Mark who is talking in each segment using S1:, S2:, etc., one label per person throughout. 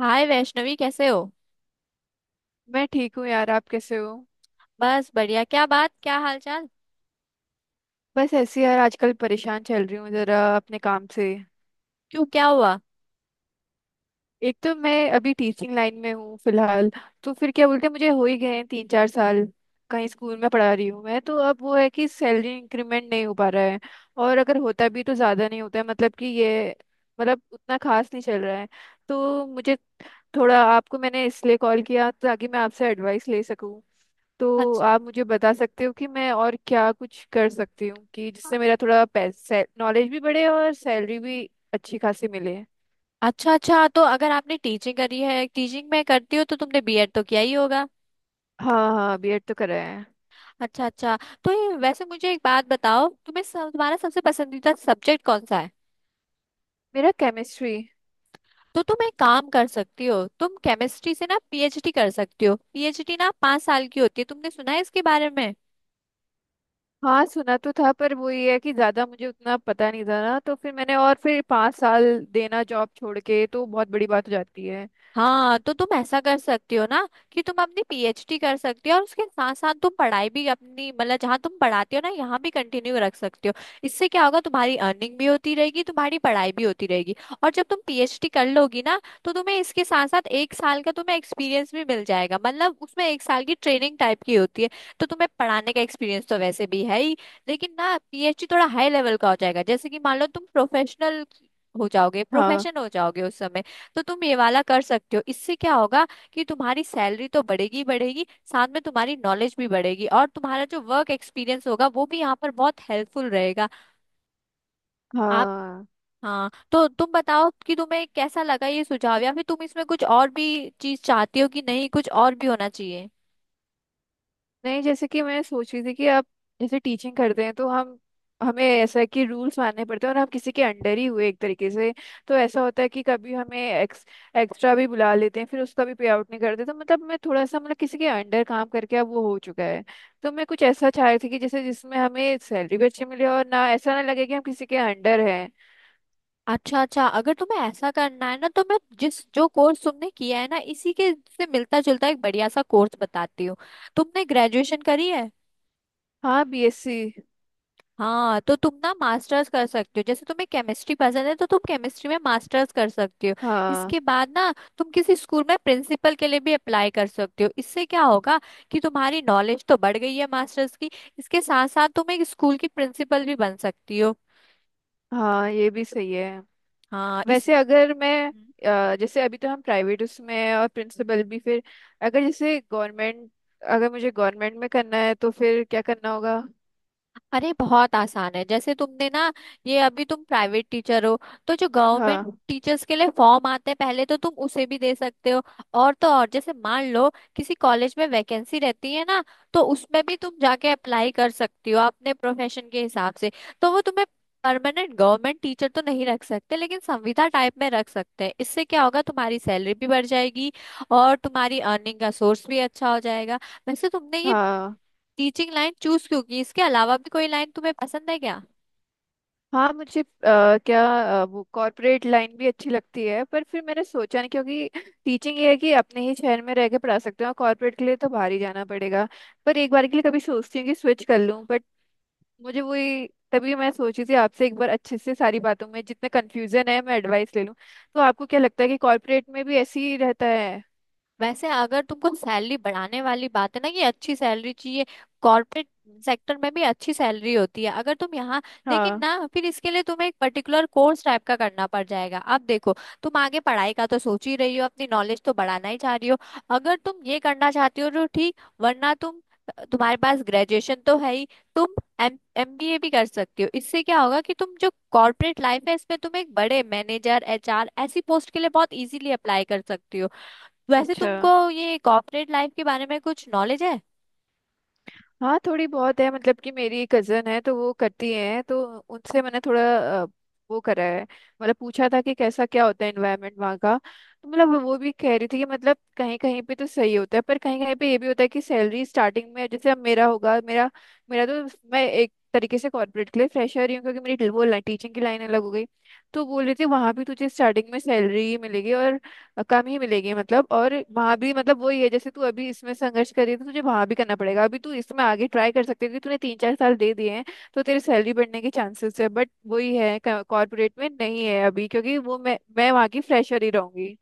S1: हाय वैष्णवी, कैसे हो।
S2: मैं ठीक हूँ यार। आप कैसे हो?
S1: बस बढ़िया, क्या बात क्या हाल चाल।
S2: बस ऐसे ही यार, आजकल परेशान चल रही हूँ जरा अपने काम से।
S1: क्यों, क्या हुआ।
S2: एक तो मैं अभी टीचिंग लाइन में हूँ फिलहाल। तो फिर क्या बोलते हैं, मुझे हो ही गए हैं तीन चार साल। कहीं स्कूल में पढ़ा रही हूँ मैं, तो अब वो है कि सैलरी इंक्रीमेंट नहीं हो पा रहा है। और अगर होता भी तो ज़्यादा नहीं होता है, मतलब कि ये मतलब उतना खास नहीं चल रहा है। तो मुझे थोड़ा, आपको मैंने इसलिए कॉल किया ताकि मैं आपसे एडवाइस ले सकूँ। तो
S1: अच्छा।
S2: आप मुझे बता सकते हो कि मैं और क्या कुछ कर सकती हूँ कि जिससे मेरा थोड़ा पैसे नॉलेज भी बढ़े और सैलरी भी अच्छी खासी मिले।
S1: अच्छा अच्छा, तो अगर आपने टीचिंग करी है, टीचिंग में करती हो, तो तुमने बीएड तो किया ही होगा।
S2: हाँ हाँ, बीएड तो करा है।
S1: अच्छा अच्छा। तो ये वैसे मुझे एक बात बताओ, तुम्हारा सबसे पसंदीदा सब्जेक्ट कौन सा है।
S2: मेरा केमिस्ट्री।
S1: तो तुम एक काम कर सकती हो, तुम केमिस्ट्री से ना पीएचडी कर सकती हो। पीएचडी ना 5 साल की होती है, तुमने सुना है इसके बारे में।
S2: हाँ सुना तो था, पर वो ये है कि ज़्यादा मुझे उतना पता नहीं था ना, तो फिर मैंने, और फिर पाँच साल देना जॉब छोड़ के तो बहुत बड़ी बात हो जाती है।
S1: हाँ, तो तुम ऐसा कर सकती हो ना कि तुम अपनी पीएचडी कर सकती हो, और उसके साथ साथ तुम पढ़ाई भी अपनी, मतलब जहाँ तुम पढ़ाती हो ना, यहाँ भी कंटिन्यू रख सकती हो। इससे क्या होगा, तुम्हारी अर्निंग भी होती रहेगी, तुम्हारी पढ़ाई भी होती रहेगी। और जब तुम पीएचडी कर लोगी ना, तो तुम्हें इसके साथ साथ एक साल का तुम्हें एक्सपीरियंस भी मिल जाएगा, मतलब उसमें एक साल की ट्रेनिंग टाइप की होती है। तो तुम्हें पढ़ाने का एक्सपीरियंस तो वैसे भी है ही। लेकिन ना पीएचडी थोड़ा हाई लेवल का हो जाएगा, जैसे कि मान लो तुम प्रोफेशनल हो जाओगे,
S2: हाँ
S1: प्रोफेशन हो जाओगे उस समय। तो तुम ये वाला कर सकते हो। इससे क्या होगा कि तुम्हारी सैलरी तो बढ़ेगी ही बढ़ेगी, साथ में तुम्हारी नॉलेज भी बढ़ेगी, और तुम्हारा जो वर्क एक्सपीरियंस होगा वो भी यहाँ पर बहुत हेल्पफुल रहेगा। आप।
S2: हाँ।
S1: हाँ, तो तुम बताओ कि तुम्हें कैसा लगा ये सुझाव, या फिर तुम इसमें कुछ और भी चीज चाहती हो कि नहीं, कुछ और भी होना चाहिए।
S2: नहीं, जैसे कि मैं सोच रही थी कि आप जैसे टीचिंग करते हैं तो हम हमें ऐसा है कि रूल्स मानने पड़ते हैं और हम किसी के अंडर ही हुए एक तरीके से। तो ऐसा होता है कि कभी हमें एक्स्ट्रा भी बुला लेते हैं, फिर उसका भी पे आउट नहीं करते। तो मतलब मैं थोड़ा सा, मतलब किसी के अंडर काम करके अब वो हो चुका है। तो मैं कुछ ऐसा चाह रही थी कि जैसे जिसमें हमें सैलरी भी अच्छी मिले और ना ऐसा ना लगे कि हम किसी के अंडर हैं।
S1: अच्छा अच्छा, अगर तुम्हें ऐसा करना है ना, तो मैं जिस जो कोर्स तुमने किया है ना, इसी के से मिलता जुलता एक बढ़िया सा कोर्स बताती हूँ। तुमने ग्रेजुएशन करी है।
S2: हाँ, बीएससी।
S1: हाँ, तो तुम ना मास्टर्स कर सकते हो, जैसे तुम्हें केमिस्ट्री पसंद है तो तुम केमिस्ट्री में मास्टर्स कर सकते हो।
S2: हाँ
S1: इसके बाद ना तुम किसी स्कूल में प्रिंसिपल के लिए भी अप्लाई कर सकते हो। इससे क्या होगा कि तुम्हारी नॉलेज तो बढ़ गई है मास्टर्स की, इसके साथ साथ तुम एक स्कूल की प्रिंसिपल भी बन सकती हो।
S2: हाँ, ये भी सही है।
S1: हाँ। इस।
S2: वैसे अगर मैं,
S1: हम्म।
S2: जैसे अभी तो हम प्राइवेट उसमें हैं और प्रिंसिपल भी फिर अगर जैसे गवर्नमेंट, अगर मुझे गवर्नमेंट में करना है तो फिर क्या करना होगा?
S1: अरे बहुत आसान है। जैसे तुमने ना, ये अभी तुम प्राइवेट टीचर हो, तो जो
S2: हाँ
S1: गवर्नमेंट टीचर्स के लिए फॉर्म आते हैं पहले, तो तुम उसे भी दे सकते हो। और तो और, जैसे मान लो किसी कॉलेज में वैकेंसी रहती है ना, तो उसमें भी तुम जाके अप्लाई कर सकती हो अपने प्रोफेशन के हिसाब से। तो वो तुम्हें परमानेंट गवर्नमेंट टीचर तो नहीं रख सकते, लेकिन संविदा टाइप में रख सकते हैं। इससे क्या होगा, तुम्हारी सैलरी भी बढ़ जाएगी और तुम्हारी अर्निंग का सोर्स भी अच्छा हो जाएगा। वैसे तुमने ये
S2: हाँ
S1: टीचिंग लाइन चूज क्यों की, इसके अलावा भी कोई लाइन तुम्हें पसंद है क्या।
S2: हाँ। मुझे क्या, वो कॉर्पोरेट लाइन भी अच्छी लगती है, पर फिर मैंने सोचा नहीं क्योंकि टीचिंग ये है कि अपने ही शहर में रह के पढ़ा सकते हैं और कॉर्पोरेट के लिए तो बाहर ही जाना पड़ेगा। पर एक बार के लिए कभी सोचती हूँ कि स्विच कर लूँ, बट मुझे वही, तभी मैं सोची थी आपसे एक बार अच्छे से सारी बातों में जितने कंफ्यूजन है मैं एडवाइस ले लूं। तो आपको क्या लगता है कि कॉर्पोरेट में भी ऐसे ही रहता है?
S1: वैसे अगर तुमको सैलरी बढ़ाने वाली बात है ना, कि अच्छी सैलरी चाहिए, कॉर्पोरेट
S2: हम्म,
S1: सेक्टर में भी अच्छी सैलरी होती है, अगर तुम यहाँ। लेकिन
S2: हाँ।
S1: ना फिर इसके लिए तुम्हें एक पर्टिकुलर कोर्स टाइप का करना पड़ जाएगा। अब देखो, तुम आगे पढ़ाई का तो सोच ही रही हो, अपनी नॉलेज तो बढ़ाना ही चाह रही हो। अगर तुम ये करना चाहती हो तो ठीक, वरना तुम,
S2: हम्म।
S1: तुम्हारे पास ग्रेजुएशन तो है ही। तुम एम एमबीए भी कर सकती हो। इससे क्या होगा कि तुम जो कॉर्पोरेट लाइफ है इसमें तुम एक बड़े मैनेजर, एचआर ऐसी पोस्ट के लिए बहुत इजीली अप्लाई कर सकती हो। वैसे
S2: अच्छा।
S1: तुमको ये कॉर्पोरेट लाइफ के बारे में कुछ नॉलेज है।
S2: हाँ थोड़ी बहुत है, मतलब कि मेरी कजन है तो वो करती है, तो उनसे मैंने थोड़ा अ, वो करा है, मतलब पूछा था कि कैसा क्या होता है, एनवायरनमेंट वहाँ का। तो मतलब वो भी कह रही थी कि मतलब कहीं कहीं पे तो सही होता है, पर कहीं कहीं पे ये भी होता है कि सैलरी स्टार्टिंग में, जैसे अब मेरा होगा, मेरा मेरा तो, मैं एक तरीके से कॉर्पोरेट के लिए फ्रेशर ही हूँ क्योंकि मेरी वो टीचिंग की लाइन अलग हो गई। तो बोल रही थी वहाँ भी तुझे स्टार्टिंग में सैलरी मिलेगी और कम ही मिलेगी, मतलब। और वहां भी मतलब वही है जैसे तू अभी इसमें संघर्ष कर रही है तो तुझे वहां भी करना पड़ेगा, अभी तू इसमें आगे ट्राई कर सकती है क्योंकि तूने तीन चार साल दे दिए हैं, तो तेरी सैलरी बढ़ने के चांसेस है, बट वही है कॉर्पोरेट में नहीं है अभी क्योंकि वो, मैं वहां की फ्रेशर ही रहूंगी।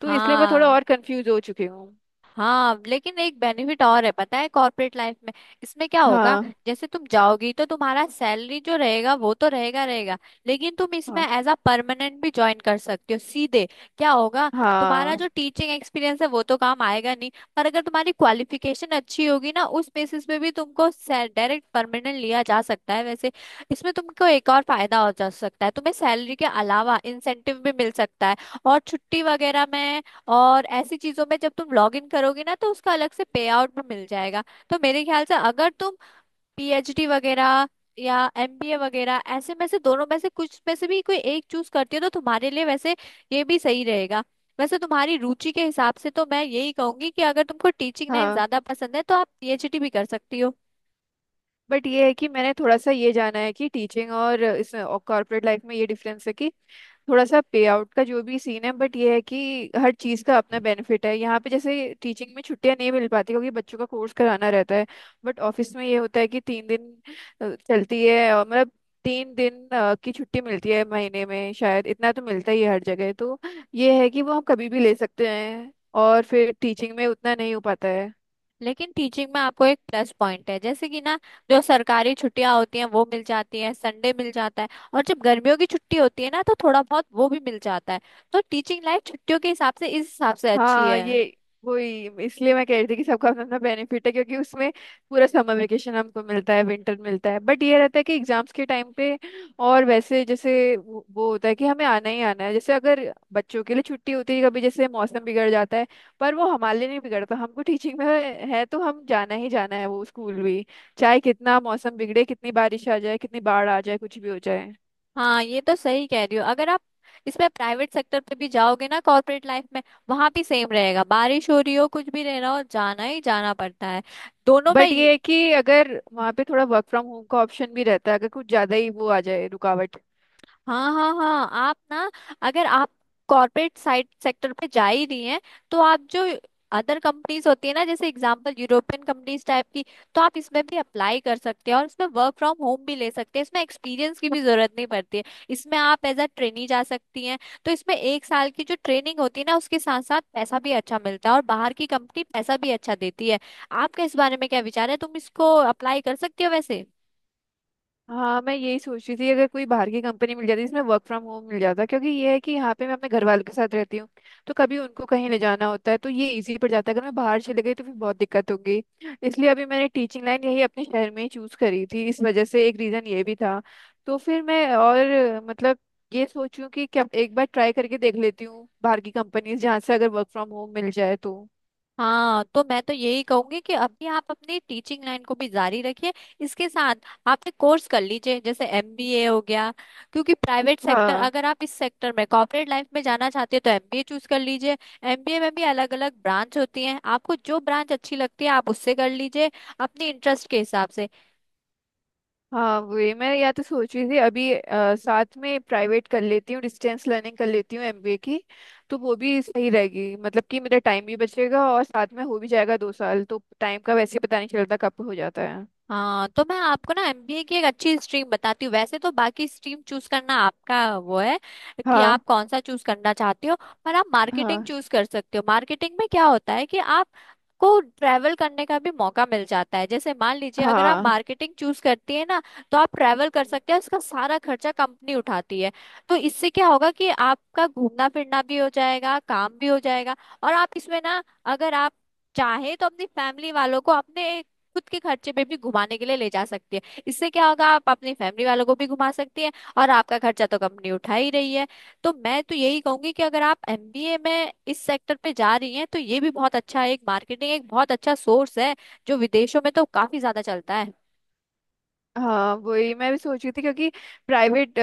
S2: तो इसलिए मैं थोड़ा
S1: हाँ।
S2: और कंफ्यूज हो चुकी हूँ।
S1: हाँ लेकिन एक बेनिफिट और है पता है, कॉर्पोरेट लाइफ में इसमें क्या होगा,
S2: हाँ
S1: जैसे तुम जाओगी तो तुम्हारा सैलरी जो रहेगा वो तो रहेगा रहेगा, लेकिन तुम इसमें
S2: हाँ।
S1: एज अ परमानेंट भी ज्वाइन कर सकते हो सीधे। क्या होगा, तुम्हारा
S2: हाँ
S1: जो टीचिंग एक्सपीरियंस है वो तो काम आएगा नहीं, पर अगर तुम्हारी क्वालिफिकेशन अच्छी होगी ना, उस बेसिस पे भी तुमको डायरेक्ट परमानेंट लिया जा सकता है वैसे। इसमें तुमको एक और फायदा हो जा सकता है, तुम्हें सैलरी के अलावा इंसेंटिव भी मिल सकता है, और छुट्टी वगैरह में और ऐसी चीजों में जब तुम लॉग इन करोगे ना, तो उसका अलग से पे आउट भी मिल जाएगा। तो मेरे ख्याल से अगर तुम पीएचडी वगैरह या एमबीए वगैरह, ऐसे में से दोनों में से कुछ में से भी कोई एक चूज करती हो, तो तुम्हारे लिए वैसे ये भी सही रहेगा। वैसे तुम्हारी रुचि के हिसाब से तो मैं यही कहूंगी कि अगर तुमको टीचिंग लाइन
S2: हाँ।
S1: ज्यादा पसंद है तो आप पीएचडी भी कर सकती हो।
S2: बट ये है कि मैंने थोड़ा सा ये जाना है कि टीचिंग और इसमें कॉर्पोरेट लाइफ में ये डिफरेंस है कि थोड़ा सा पे आउट का जो भी सीन है, बट ये है कि हर चीज़ का अपना बेनिफिट है यहाँ पे। जैसे टीचिंग में छुट्टियां नहीं मिल पाती क्योंकि बच्चों का कोर्स कराना रहता है, बट ऑफिस में ये होता है कि तीन दिन चलती है और मतलब तीन दिन की छुट्टी मिलती है महीने में, शायद इतना तो मिलता ही है हर जगह। तो ये है कि वो हम कभी भी ले सकते हैं, और फिर टीचिंग में उतना नहीं हो पाता है।
S1: लेकिन टीचिंग में आपको एक प्लस पॉइंट है, जैसे कि ना, जो सरकारी छुट्टियां होती हैं वो मिल जाती हैं, संडे मिल जाता है, और जब गर्मियों की छुट्टी होती है ना, तो थोड़ा बहुत वो भी मिल जाता है। तो टीचिंग लाइफ छुट्टियों के हिसाब से, इस हिसाब से अच्छी
S2: हाँ
S1: है।
S2: ये, वही इसलिए मैं कह रही थी कि सबका अपना अपना बेनिफिट है, क्योंकि उसमें पूरा समर वेकेशन हमको मिलता है, विंटर मिलता है, बट ये रहता है कि एग्जाम्स के टाइम पे और वैसे जैसे वो होता है कि हमें आना ही आना है। जैसे अगर बच्चों के लिए छुट्टी होती है कभी, जैसे मौसम बिगड़ जाता है, पर वो हमारे लिए नहीं बिगड़ता, तो हमको टीचिंग में है तो हम जाना ही जाना है वो स्कूल भी, चाहे कितना मौसम बिगड़े, कितनी बारिश आ जाए, कितनी बाढ़ आ जाए, कुछ भी हो जाए।
S1: हाँ, ये तो सही कह रही हो। अगर आप इसमें प्राइवेट सेक्टर पे भी जाओगे ना, कॉर्पोरेट लाइफ में, वहां भी सेम रहेगा, बारिश हो रही हो कुछ भी रह रहा हो जाना ही जाना पड़ता है। दोनों में
S2: बट ये है कि अगर वहाँ पे थोड़ा वर्क फ्रॉम होम का ऑप्शन भी रहता है अगर कुछ ज्यादा ही वो आ जाए रुकावट।
S1: हाँ हाँ हाँ, आप ना, अगर आप कॉर्पोरेट साइट सेक्टर पे जा ही रही हैं, तो आप जो अदर कंपनीज होती है ना, जैसे एग्जांपल यूरोपियन कंपनीज टाइप की, तो आप इसमें भी अप्लाई कर सकते हैं और इसमें वर्क फ्रॉम होम भी ले सकते हैं। इसमें एक्सपीरियंस की भी जरूरत नहीं पड़ती है, इसमें आप एज अ ट्रेनी जा सकती हैं। तो इसमें एक साल की जो ट्रेनिंग होती है ना, उसके साथ साथ पैसा भी अच्छा मिलता है, और बाहर की कंपनी पैसा भी अच्छा देती है। आपका इस बारे में क्या विचार है, तुम इसको अप्लाई कर सकती हो वैसे।
S2: हाँ, मैं यही सोच रही थी अगर कोई बाहर की कंपनी मिल जाती जिसमें वर्क फ्रॉम होम मिल जाता, क्योंकि ये है कि यहाँ पे मैं अपने घर वालों के साथ रहती हूँ। तो कभी उनको कहीं ले जाना होता है तो ये इजी पड़ जाता है, अगर मैं बाहर चले गई तो फिर बहुत दिक्कत होगी। इसलिए अभी मैंने टीचिंग लाइन यही अपने शहर में ही चूज करी थी, इस वजह से एक रीजन ये भी था। तो फिर मैं और, मतलब, ये सोचूं कि क्या एक बार ट्राई करके देख लेती हूँ बाहर की कंपनीज जहाँ से अगर वर्क फ्रॉम होम मिल जाए तो।
S1: हाँ, तो मैं तो यही कहूंगी कि अभी आप अपनी टीचिंग लाइन को भी जारी रखिए, इसके साथ आप एक कोर्स कर लीजिए, जैसे एमबीए हो गया, क्योंकि प्राइवेट सेक्टर,
S2: हाँ
S1: अगर आप इस सेक्टर में कॉर्पोरेट लाइफ में जाना चाहते हैं, तो एमबीए चूज कर लीजिए। एमबीए में भी अलग अलग ब्रांच होती हैं, आपको जो ब्रांच अच्छी लगती है आप उससे कर लीजिए, अपने इंटरेस्ट के हिसाब से।
S2: हाँ, वही मैं या तो सोच रही थी, अभी साथ में प्राइवेट कर लेती हूँ, डिस्टेंस लर्निंग कर लेती हूँ एमबीए की। तो वो भी सही रहेगी, मतलब कि मेरा टाइम भी बचेगा और साथ में हो भी जाएगा, दो साल तो टाइम का वैसे ही पता नहीं चलता कब हो जाता है।
S1: हाँ तो मैं आपको ना एमबीए की एक अच्छी स्ट्रीम बताती हूँ। वैसे तो बाकी स्ट्रीम चूज करना आपका वो है कि
S2: हाँ।
S1: आप कौन सा चूज करना चाहते हो, पर आप मार्केटिंग
S2: हाँ
S1: चूज कर सकते हो। मार्केटिंग में क्या होता है कि आप को ट्रैवल करने का भी मौका मिल जाता है। जैसे मान लीजिए, अगर आप
S2: हाँ,
S1: मार्केटिंग चूज करती है ना, तो आप ट्रैवल कर सकते हैं, उसका सारा खर्चा कंपनी उठाती है। तो इससे क्या होगा कि आपका घूमना फिरना भी हो जाएगा, काम भी हो जाएगा। और आप इसमें ना, अगर आप चाहे तो अपनी फैमिली वालों को अपने खुद के खर्चे पे भी घुमाने के लिए ले जा सकती है। इससे क्या होगा, आप अपनी फैमिली वालों को भी घुमा सकती हैं, और आपका खर्चा तो कंपनी उठा ही रही है। तो मैं तो यही कहूंगी कि अगर आप एमबीए में इस सेक्टर पे जा रही हैं, तो ये भी बहुत अच्छा, एक मार्केटिंग एक बहुत अच्छा सोर्स है, जो विदेशों में तो काफी ज्यादा चलता है।
S2: हाँ वही मैं भी सोच रही थी क्योंकि प्राइवेट,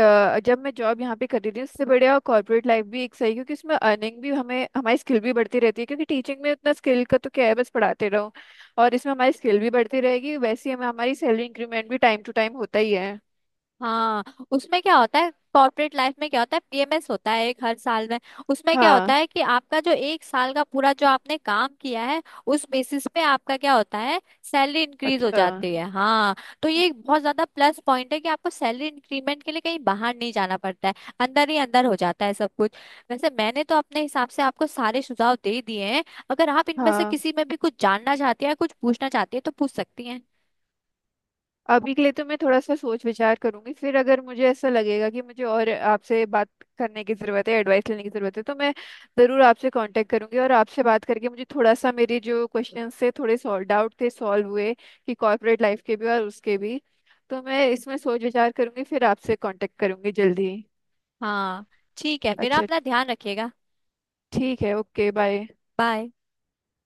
S2: जब मैं जॉब यहाँ पे कर रही थी, उससे बढ़िया कॉर्पोरेट लाइफ भी एक सही है, क्योंकि उसमें अर्निंग भी, हमें हमारी स्किल भी बढ़ती रहती है, क्योंकि टीचिंग में उतना स्किल का तो क्या है, बस पढ़ाते रहो। और इसमें हमारी स्किल भी बढ़ती रहेगी, वैसे ही हमें हमारी सैलरी इंक्रीमेंट भी टाइम टू टाइम होता ही है।
S1: हाँ। उसमें क्या होता है, कॉर्पोरेट लाइफ में क्या होता है, पीएमएस होता है एक हर साल में। उसमें क्या होता
S2: हाँ।
S1: है कि आपका जो एक साल का पूरा जो आपने काम किया है, उस बेसिस पे आपका क्या होता है, सैलरी इंक्रीज हो
S2: अच्छा।
S1: जाती है, हाँ। तो ये एक बहुत ज्यादा प्लस पॉइंट है कि आपको सैलरी इंक्रीमेंट के लिए कहीं बाहर नहीं जाना पड़ता है, अंदर ही अंदर हो जाता है सब कुछ। वैसे मैंने तो अपने हिसाब से आपको सारे सुझाव दे दिए हैं, अगर आप इनमें से
S2: हाँ,
S1: किसी में भी कुछ जानना चाहती हैं, कुछ पूछना चाहती हैं तो पूछ सकती हैं।
S2: अभी के लिए तो मैं थोड़ा सा सोच विचार करूंगी, फिर अगर मुझे ऐसा लगेगा कि मुझे और आपसे बात करने की ज़रूरत है, एडवाइस लेने की ज़रूरत है, तो मैं ज़रूर आपसे कांटेक्ट करूंगी। और आपसे बात करके मुझे थोड़ा सा, मेरे जो क्वेश्चन थे, थोड़े सॉल्व, डाउट थे सॉल्व हुए, कि कॉर्पोरेट लाइफ के भी और उसके भी। तो मैं इसमें सोच विचार करूंगी, फिर आपसे कांटेक्ट करूंगी जल्दी ही।
S1: हाँ, ठीक है, फिर
S2: अच्छा।
S1: अपना ध्यान रखिएगा।
S2: ठीक है, ओके बाय।
S1: बाय।